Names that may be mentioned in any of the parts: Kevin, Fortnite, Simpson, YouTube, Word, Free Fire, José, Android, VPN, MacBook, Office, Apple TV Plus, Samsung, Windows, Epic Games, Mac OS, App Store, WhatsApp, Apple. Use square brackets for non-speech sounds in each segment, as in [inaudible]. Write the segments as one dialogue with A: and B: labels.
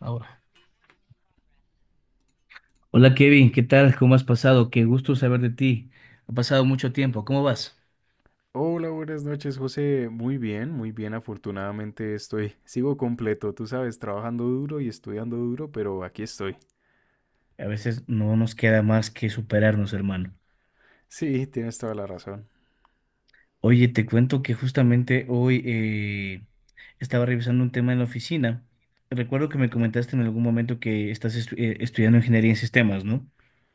A: Ahora. Hola, Kevin, ¿qué tal? ¿Cómo has pasado? Qué gusto saber de ti. Ha pasado mucho tiempo, ¿cómo vas?
B: Hola, buenas noches, José. Muy bien, muy bien. Afortunadamente sigo completo, tú sabes, trabajando duro y estudiando duro, pero aquí estoy.
A: A veces no nos queda más que superarnos, hermano.
B: Sí, tienes toda la razón.
A: Oye, te cuento que justamente hoy estaba revisando un tema en la oficina. Recuerdo que me comentaste en algún momento que estudiando ingeniería en sistemas, ¿no?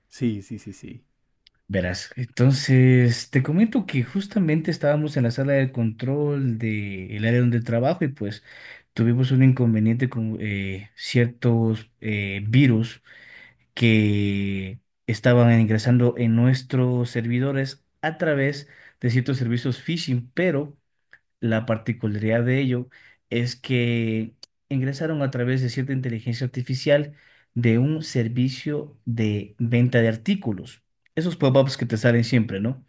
B: Sí, sí, sí, sí.
A: Verás, entonces te comento que justamente estábamos en la sala de control del área donde trabajo y pues tuvimos un inconveniente con ciertos virus que estaban ingresando en nuestros servidores a través de ciertos servicios phishing, pero la particularidad de ello es que ingresaron a través de cierta inteligencia artificial de un servicio de venta de artículos. Esos pop-ups que te salen siempre, ¿no?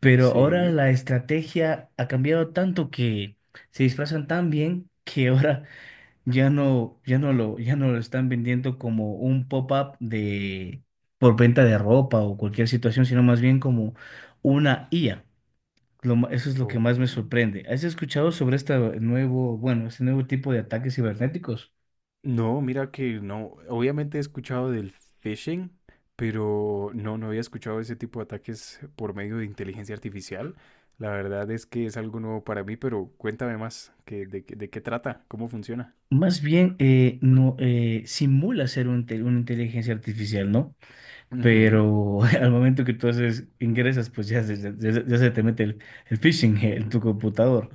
A: Pero ahora
B: Sí.
A: la estrategia ha cambiado tanto que se disfrazan tan bien que ahora [laughs] ya no lo están vendiendo como un pop-up de por venta de ropa o cualquier situación, sino más bien como una IA. Eso es lo que
B: Oh.
A: más me sorprende. ¿Has escuchado sobre este este nuevo tipo de ataques cibernéticos?
B: No, mira que no. Obviamente he escuchado del phishing, pero no, no había escuchado ese tipo de ataques por medio de inteligencia artificial. La verdad es que es algo nuevo para mí, pero cuéntame más, ¿qué- de qué trata? ¿Cómo funciona?
A: Más bien, no, simula ser una inteligencia artificial, ¿no?
B: Ujú,
A: Pero [laughs] al momento que ingresas, pues ya, ya se te mete el phishing en tu computador.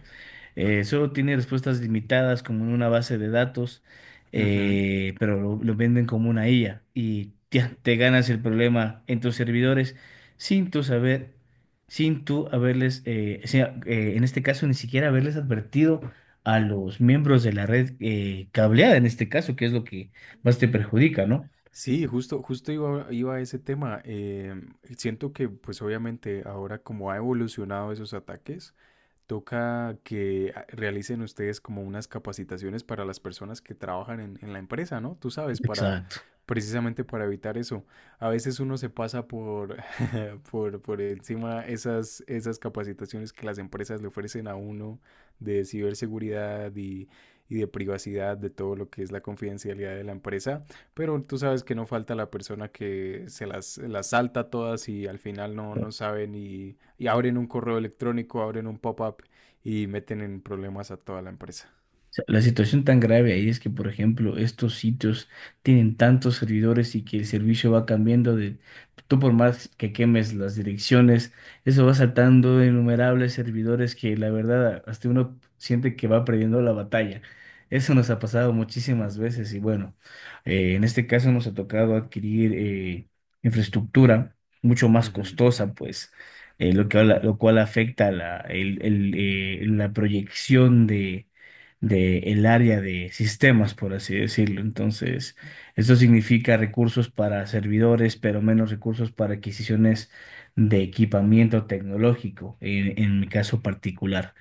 A: Solo tiene respuestas limitadas como en una base de datos,
B: ujú.
A: pero lo venden como una IA y ya te ganas el problema en tus servidores sin tú saber, sin tú haberles, o sea, en este caso ni siquiera haberles advertido a los miembros de la red cableada, en este caso, que es lo que más te perjudica, ¿no?
B: Sí, justo iba a ese tema. Siento que, pues obviamente, ahora como ha evolucionado esos ataques, toca que realicen ustedes como unas capacitaciones para las personas que trabajan en la empresa, ¿no? Tú sabes, para
A: Exacto.
B: precisamente para evitar eso. A veces uno se pasa [laughs] por encima esas, esas capacitaciones que las empresas le ofrecen a uno de ciberseguridad y de privacidad, de todo lo que es la confidencialidad de la empresa, pero tú sabes que no falta la persona que se las salta todas y al final no sabe ni y abren un correo electrónico, abren un pop-up y meten en problemas a toda la empresa.
A: sea, la situación tan grave ahí es que, por ejemplo, estos sitios tienen tantos servidores y que el servicio va cambiando de, tú por más que quemes las direcciones, eso va saltando de innumerables servidores que la verdad hasta uno siente que va perdiendo la batalla. Eso nos ha pasado muchísimas veces y bueno, en este caso nos ha tocado adquirir infraestructura mucho más
B: Ujú.
A: costosa, pues, lo que, lo cual afecta la proyección del área de sistemas, por así decirlo. Entonces, esto significa recursos para servidores, pero menos recursos para adquisiciones de equipamiento tecnológico, en mi caso particular.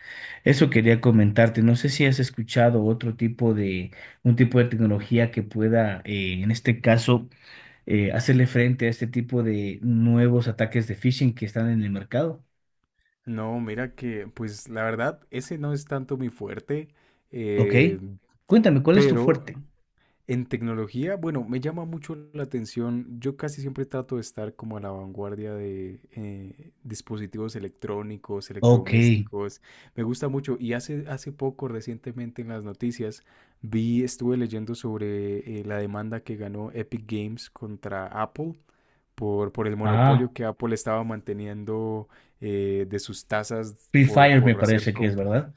A: Eso quería comentarte. No sé si has escuchado otro tipo de, un tipo de tecnología que pueda, en este caso, hacerle frente a este tipo de nuevos ataques de phishing que están en el mercado.
B: No, mira que, pues la verdad, ese no es tanto mi fuerte,
A: Ok.
B: eh,
A: Cuéntame, ¿cuál es tu
B: pero
A: fuerte?
B: en tecnología, bueno, me llama mucho la atención. Yo casi siempre trato de estar como a la vanguardia de dispositivos electrónicos,
A: Ok.
B: electrodomésticos. Me gusta mucho. Y hace poco, recientemente en las noticias, estuve leyendo sobre la demanda que ganó Epic Games contra Apple por el
A: Ah.
B: monopolio que Apple estaba manteniendo de sus tasas
A: Free Fire me
B: por hacer
A: parece que es,
B: compras.
A: ¿verdad?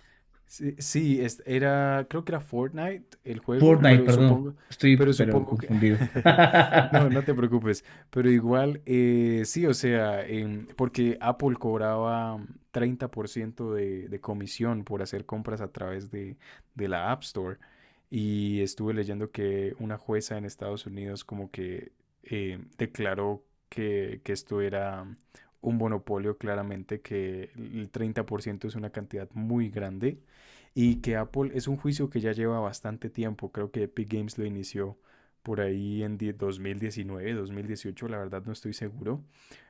B: Sí, sí, era, creo que era Fortnite el juego,
A: Fortnite, perdón.
B: pero
A: Estoy, pero
B: supongo que,
A: confundido.
B: [laughs]
A: [laughs]
B: no, no te preocupes, pero igual, sí, o sea, porque Apple cobraba 30% de comisión por hacer compras a través de la App Store, y estuve leyendo que una jueza en Estados Unidos como que declaró que esto era un monopolio, claramente, que el 30% es una cantidad muy grande y que Apple es un juicio que ya lleva bastante tiempo, creo que Epic Games lo inició por ahí en 2019 2018, la verdad no estoy seguro,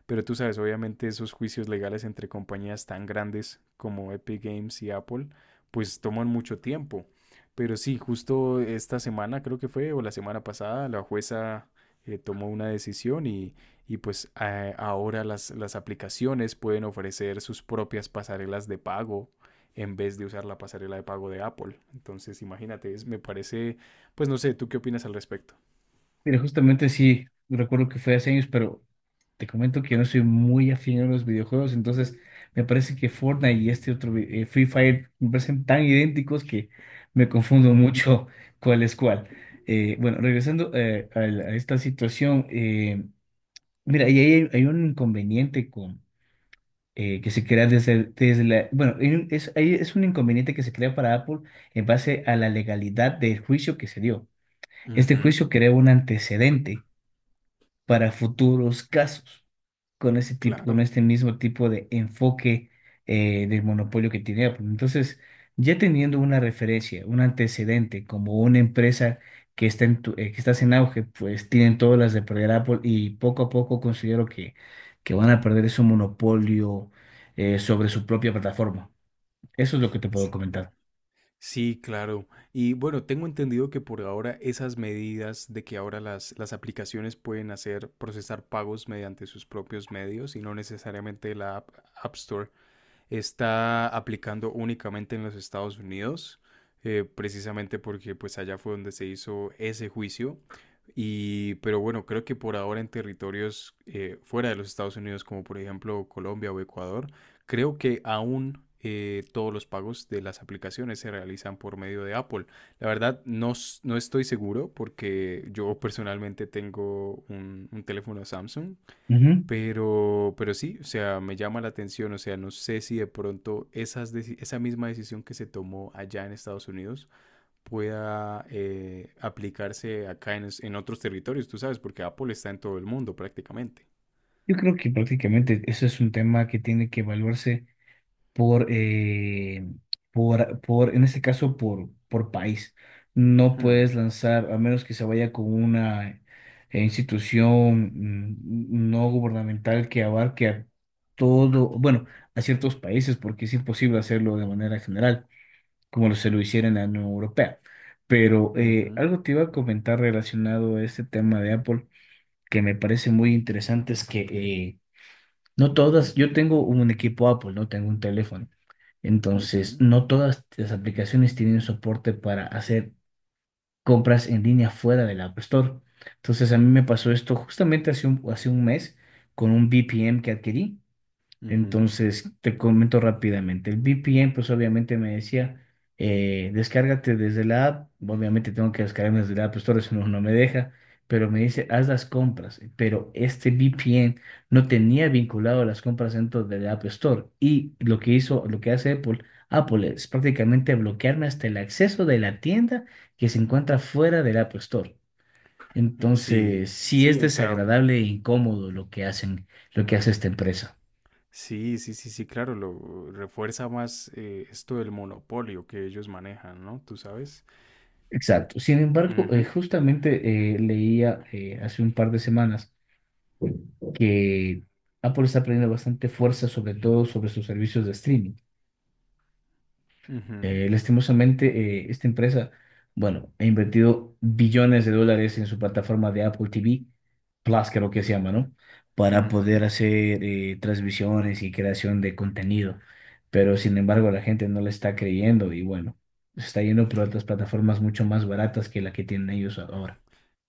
B: pero tú sabes, obviamente esos juicios legales entre compañías tan grandes como Epic Games y Apple, pues toman mucho tiempo. Pero sí, justo esta semana creo que fue, o la semana pasada, la jueza tomó una decisión y pues ahora las aplicaciones pueden ofrecer sus propias pasarelas de pago en vez de usar la pasarela de pago de Apple. Entonces, imagínate, es, me parece, pues no sé, ¿tú qué opinas al respecto?
A: Mira, justamente sí, recuerdo que fue hace años, pero te comento que yo no soy muy afín a los videojuegos, entonces me parece que Fortnite y este otro, Free Fire, me parecen tan idénticos que me confundo mucho [laughs] cuál es cuál. Bueno, regresando a, a esta situación, mira, y hay un inconveniente con que se crea desde la... Bueno, ahí es un inconveniente que se crea para Apple en base a la legalidad del juicio que se dio. Este
B: Ujú,
A: juicio crea un antecedente para futuros casos con con
B: claro.
A: este mismo tipo de enfoque del monopolio que tiene Apple. Entonces, ya teniendo una referencia, un antecedente, como una empresa que que estás en auge, pues tienen todas las de perder Apple y poco a poco considero que van a perder ese monopolio sobre su propia plataforma. Eso es lo que te puedo
B: S-
A: comentar.
B: Sí, claro. Y bueno, tengo entendido que por ahora esas medidas de que ahora las aplicaciones pueden hacer procesar pagos mediante sus propios medios y no necesariamente la App Store está aplicando únicamente en los Estados Unidos, precisamente porque pues allá fue donde se hizo ese juicio. Y, pero bueno, creo que por ahora en territorios fuera de los Estados Unidos, como por ejemplo Colombia o Ecuador, creo que aún todos los pagos de las aplicaciones se realizan por medio de Apple. La verdad, no, no estoy seguro porque yo personalmente tengo un teléfono Samsung,
A: Ujú.
B: pero sí, o sea, me llama la atención, o sea, no sé si de pronto esa misma decisión que se tomó allá en Estados Unidos pueda aplicarse acá en otros territorios, tú sabes, porque Apple está en todo el mundo prácticamente.
A: Yo creo que prácticamente eso es un tema que tiene que evaluarse por, en este caso, por país. No
B: Hmm,
A: puedes lanzar, a menos que se vaya con una institución no gubernamental que abarque a todo, bueno, a ciertos países, porque es imposible hacerlo de manera general, como se lo hiciera en la Unión Europea. Pero
B: ujú,
A: algo te iba a comentar relacionado a este tema de Apple que me parece muy interesante es que no todas, yo tengo un equipo Apple, no tengo un teléfono. Entonces,
B: ujú,
A: no todas las aplicaciones tienen soporte para hacer compras en línea fuera del App Store. Entonces, a mí me pasó
B: ujú,
A: esto justamente hace un mes con un V P VPN que adquirí.
B: ujú.
A: Entonces, te comento rápidamente. El VPN, pues obviamente me decía, descárgate desde la app. Obviamente tengo que descargarme desde la App Store, eso no, no me deja, pero me dice, haz las compras. Pero este VPN no tenía vinculado las compras dentro de la App Store. Y lo que hace Apple, Apple es prácticamente bloquearme hasta el acceso de la tienda que se encuentra fuera del App Store.
B: Sí,
A: Entonces, sí
B: sí,
A: es
B: o sea,
A: desagradable e incómodo lo que hacen, lo que hace esta empresa.
B: sí, sí, sí, sí, claro, lo refuerza más esto del monopolio que ellos manejan, ¿no? Tú sabes.
A: Exacto. Sin embargo,
B: Ujú,
A: justamente leía hace un par de semanas que Apple está perdiendo bastante fuerza, sobre todo sobre sus servicios de streaming.
B: ujú,
A: Lastimosamente, esta empresa, bueno, ha invertido billones de dólares en su plataforma de Apple TV, Plus creo que se llama, ¿no? Para poder
B: ujú.
A: hacer transmisiones y creación de contenido. Pero sin embargo, la gente no le está creyendo y bueno, se está yendo por otras plataformas mucho más baratas que la que tienen ellos ahora.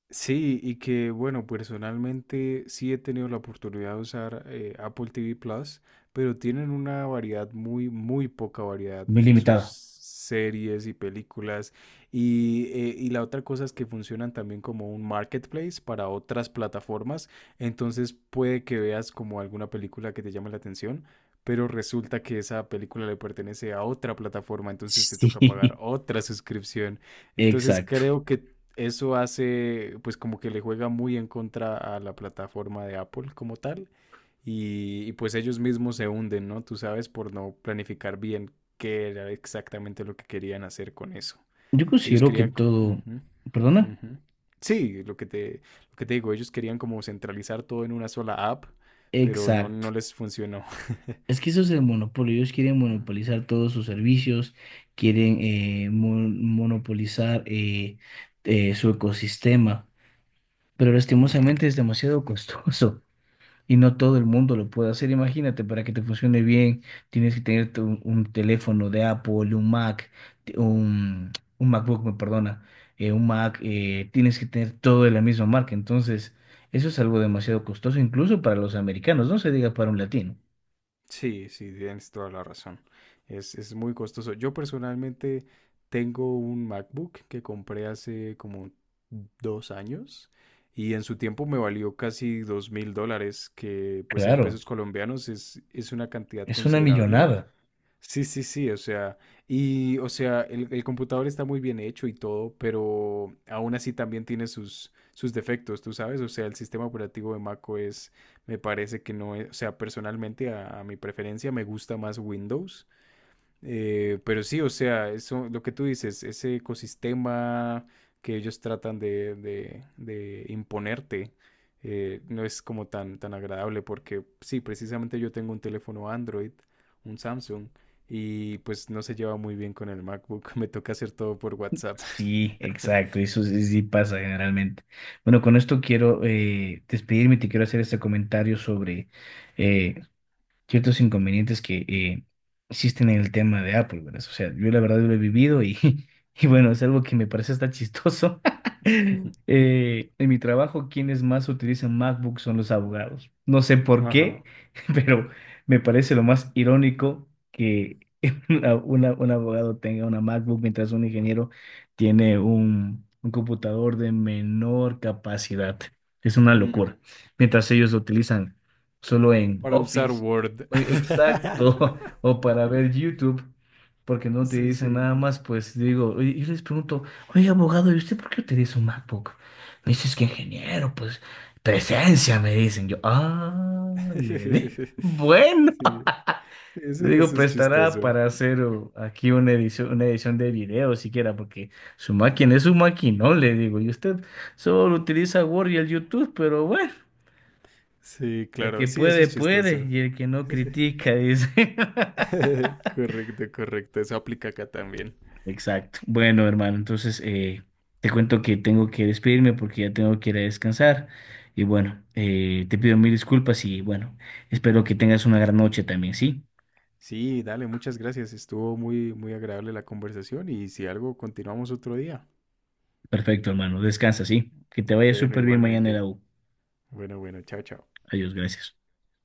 B: Sí, y que bueno, personalmente sí he tenido la oportunidad de usar Apple TV Plus, pero tienen una variedad muy, muy poca variedad
A: Muy
B: en sus
A: limitado.
B: series y películas. Y la otra cosa es que funcionan también como un marketplace para otras plataformas. Entonces puede que veas como alguna película que te llame la atención, pero resulta que esa película le pertenece a otra plataforma, entonces te toca pagar
A: Sí,
B: otra suscripción.
A: [laughs]
B: Entonces
A: exacto.
B: creo que eso hace, pues como que le juega muy en contra a la plataforma de Apple como tal. Y pues ellos mismos se hunden, ¿no? Tú sabes, por no planificar bien qué era exactamente lo que querían hacer con eso.
A: Yo
B: Ellos
A: considero que
B: querían... Uh
A: todo,
B: -huh, uh
A: perdona,
B: -huh. Sí, lo que te digo, ellos querían como centralizar todo en una sola app, pero no, no
A: exacto.
B: les funcionó.
A: Es que eso es el monopolio. Ellos quieren
B: [laughs]
A: monopolizar todos sus servicios, quieren monopolizar su ecosistema, pero
B: Uh -huh.
A: lastimosamente es demasiado costoso. Y no todo el mundo lo puede hacer. Imagínate, para que te funcione bien, tienes que tener teléfono de Apple, un Mac, t- un, un MacBook, me perdona, un Mac, tienes que tener todo de la misma marca. Entonces, eso es algo demasiado costoso, incluso para los americanos, no se diga para un latino.
B: Sí, sí, tienes toda la razón. Es muy costoso. Yo personalmente tengo un MacBook que compré hace como 2 años y en su tiempo me valió casi $2000, que pues en
A: Claro,
B: pesos colombianos es una cantidad
A: es una
B: considerable.
A: millonada.
B: Sí, sí, sí, o sea, o sea, el computador está muy bien hecho y todo, pero aún así también tiene sus, sus defectos, tú sabes, o sea, el sistema operativo de Mac OS me parece que no es, o sea, personalmente a mi preferencia me gusta más Windows, pero sí, o sea, eso, lo que tú dices, ese ecosistema que ellos tratan de imponerte, no es como tan, tan agradable porque sí, precisamente yo tengo un teléfono Android, un Samsung, y pues no se lleva muy bien con el MacBook, [laughs] me toca hacer todo por WhatsApp.
A: Sí, exacto,
B: [laughs]
A: eso sí, sí pasa generalmente. Bueno, con esto quiero despedirme y te quiero hacer este comentario sobre eh, ciertos inconvenientes que existen en el tema de Apple, ¿verdad? O sea, yo la verdad lo he vivido y, [laughs] y bueno, es algo que me parece hasta chistoso. [laughs] En mi trabajo, quienes más utilizan MacBook son los abogados. No sé por qué,
B: Ajá.
A: [laughs] pero me parece lo más irónico que [laughs] un abogado tenga una MacBook mientras un ingeniero tiene un computador de menor capacidad. Es una
B: Ujú.
A: locura. Mientras ellos lo utilizan solo en
B: Para usar
A: Office.
B: Word.
A: Oye, exacto, [laughs] o para
B: [laughs]
A: ver YouTube, porque no te
B: Sí, sí.
A: dicen nada más, pues digo, oye, yo les pregunto, oye, abogado, ¿y usted por qué utiliza un MacBook? Me dice, es que ingeniero, pues presencia, me dicen yo, ah, [laughs]
B: [laughs]
A: bueno,
B: Sí, sí, eso,
A: le digo,
B: eso es
A: prestará
B: chistoso.
A: para hacer oh, aquí una edición de video siquiera, porque su máquina es su máquina, le digo, y usted solo utiliza Word y el YouTube, pero bueno,
B: Sí,
A: el
B: claro,
A: que
B: sí, eso
A: puede,
B: es
A: puede,
B: chistoso.
A: y el que no
B: [laughs]
A: critica, dice. [laughs]
B: Correcto, correcto, eso aplica acá también.
A: Exacto. Bueno, hermano, entonces te cuento que tengo que despedirme porque ya tengo que ir a descansar. Y bueno, te pido 1000 disculpas y bueno, espero que tengas una gran noche también, ¿sí?
B: Sí, dale, muchas gracias. Estuvo muy, muy agradable la conversación y si algo, continuamos otro día.
A: Perfecto, hermano. Descansa, ¿sí? Que te vaya
B: Bueno,
A: súper bien mañana en la
B: igualmente.
A: U.
B: Bueno, bueno, chao, chao.
A: Adiós, gracias.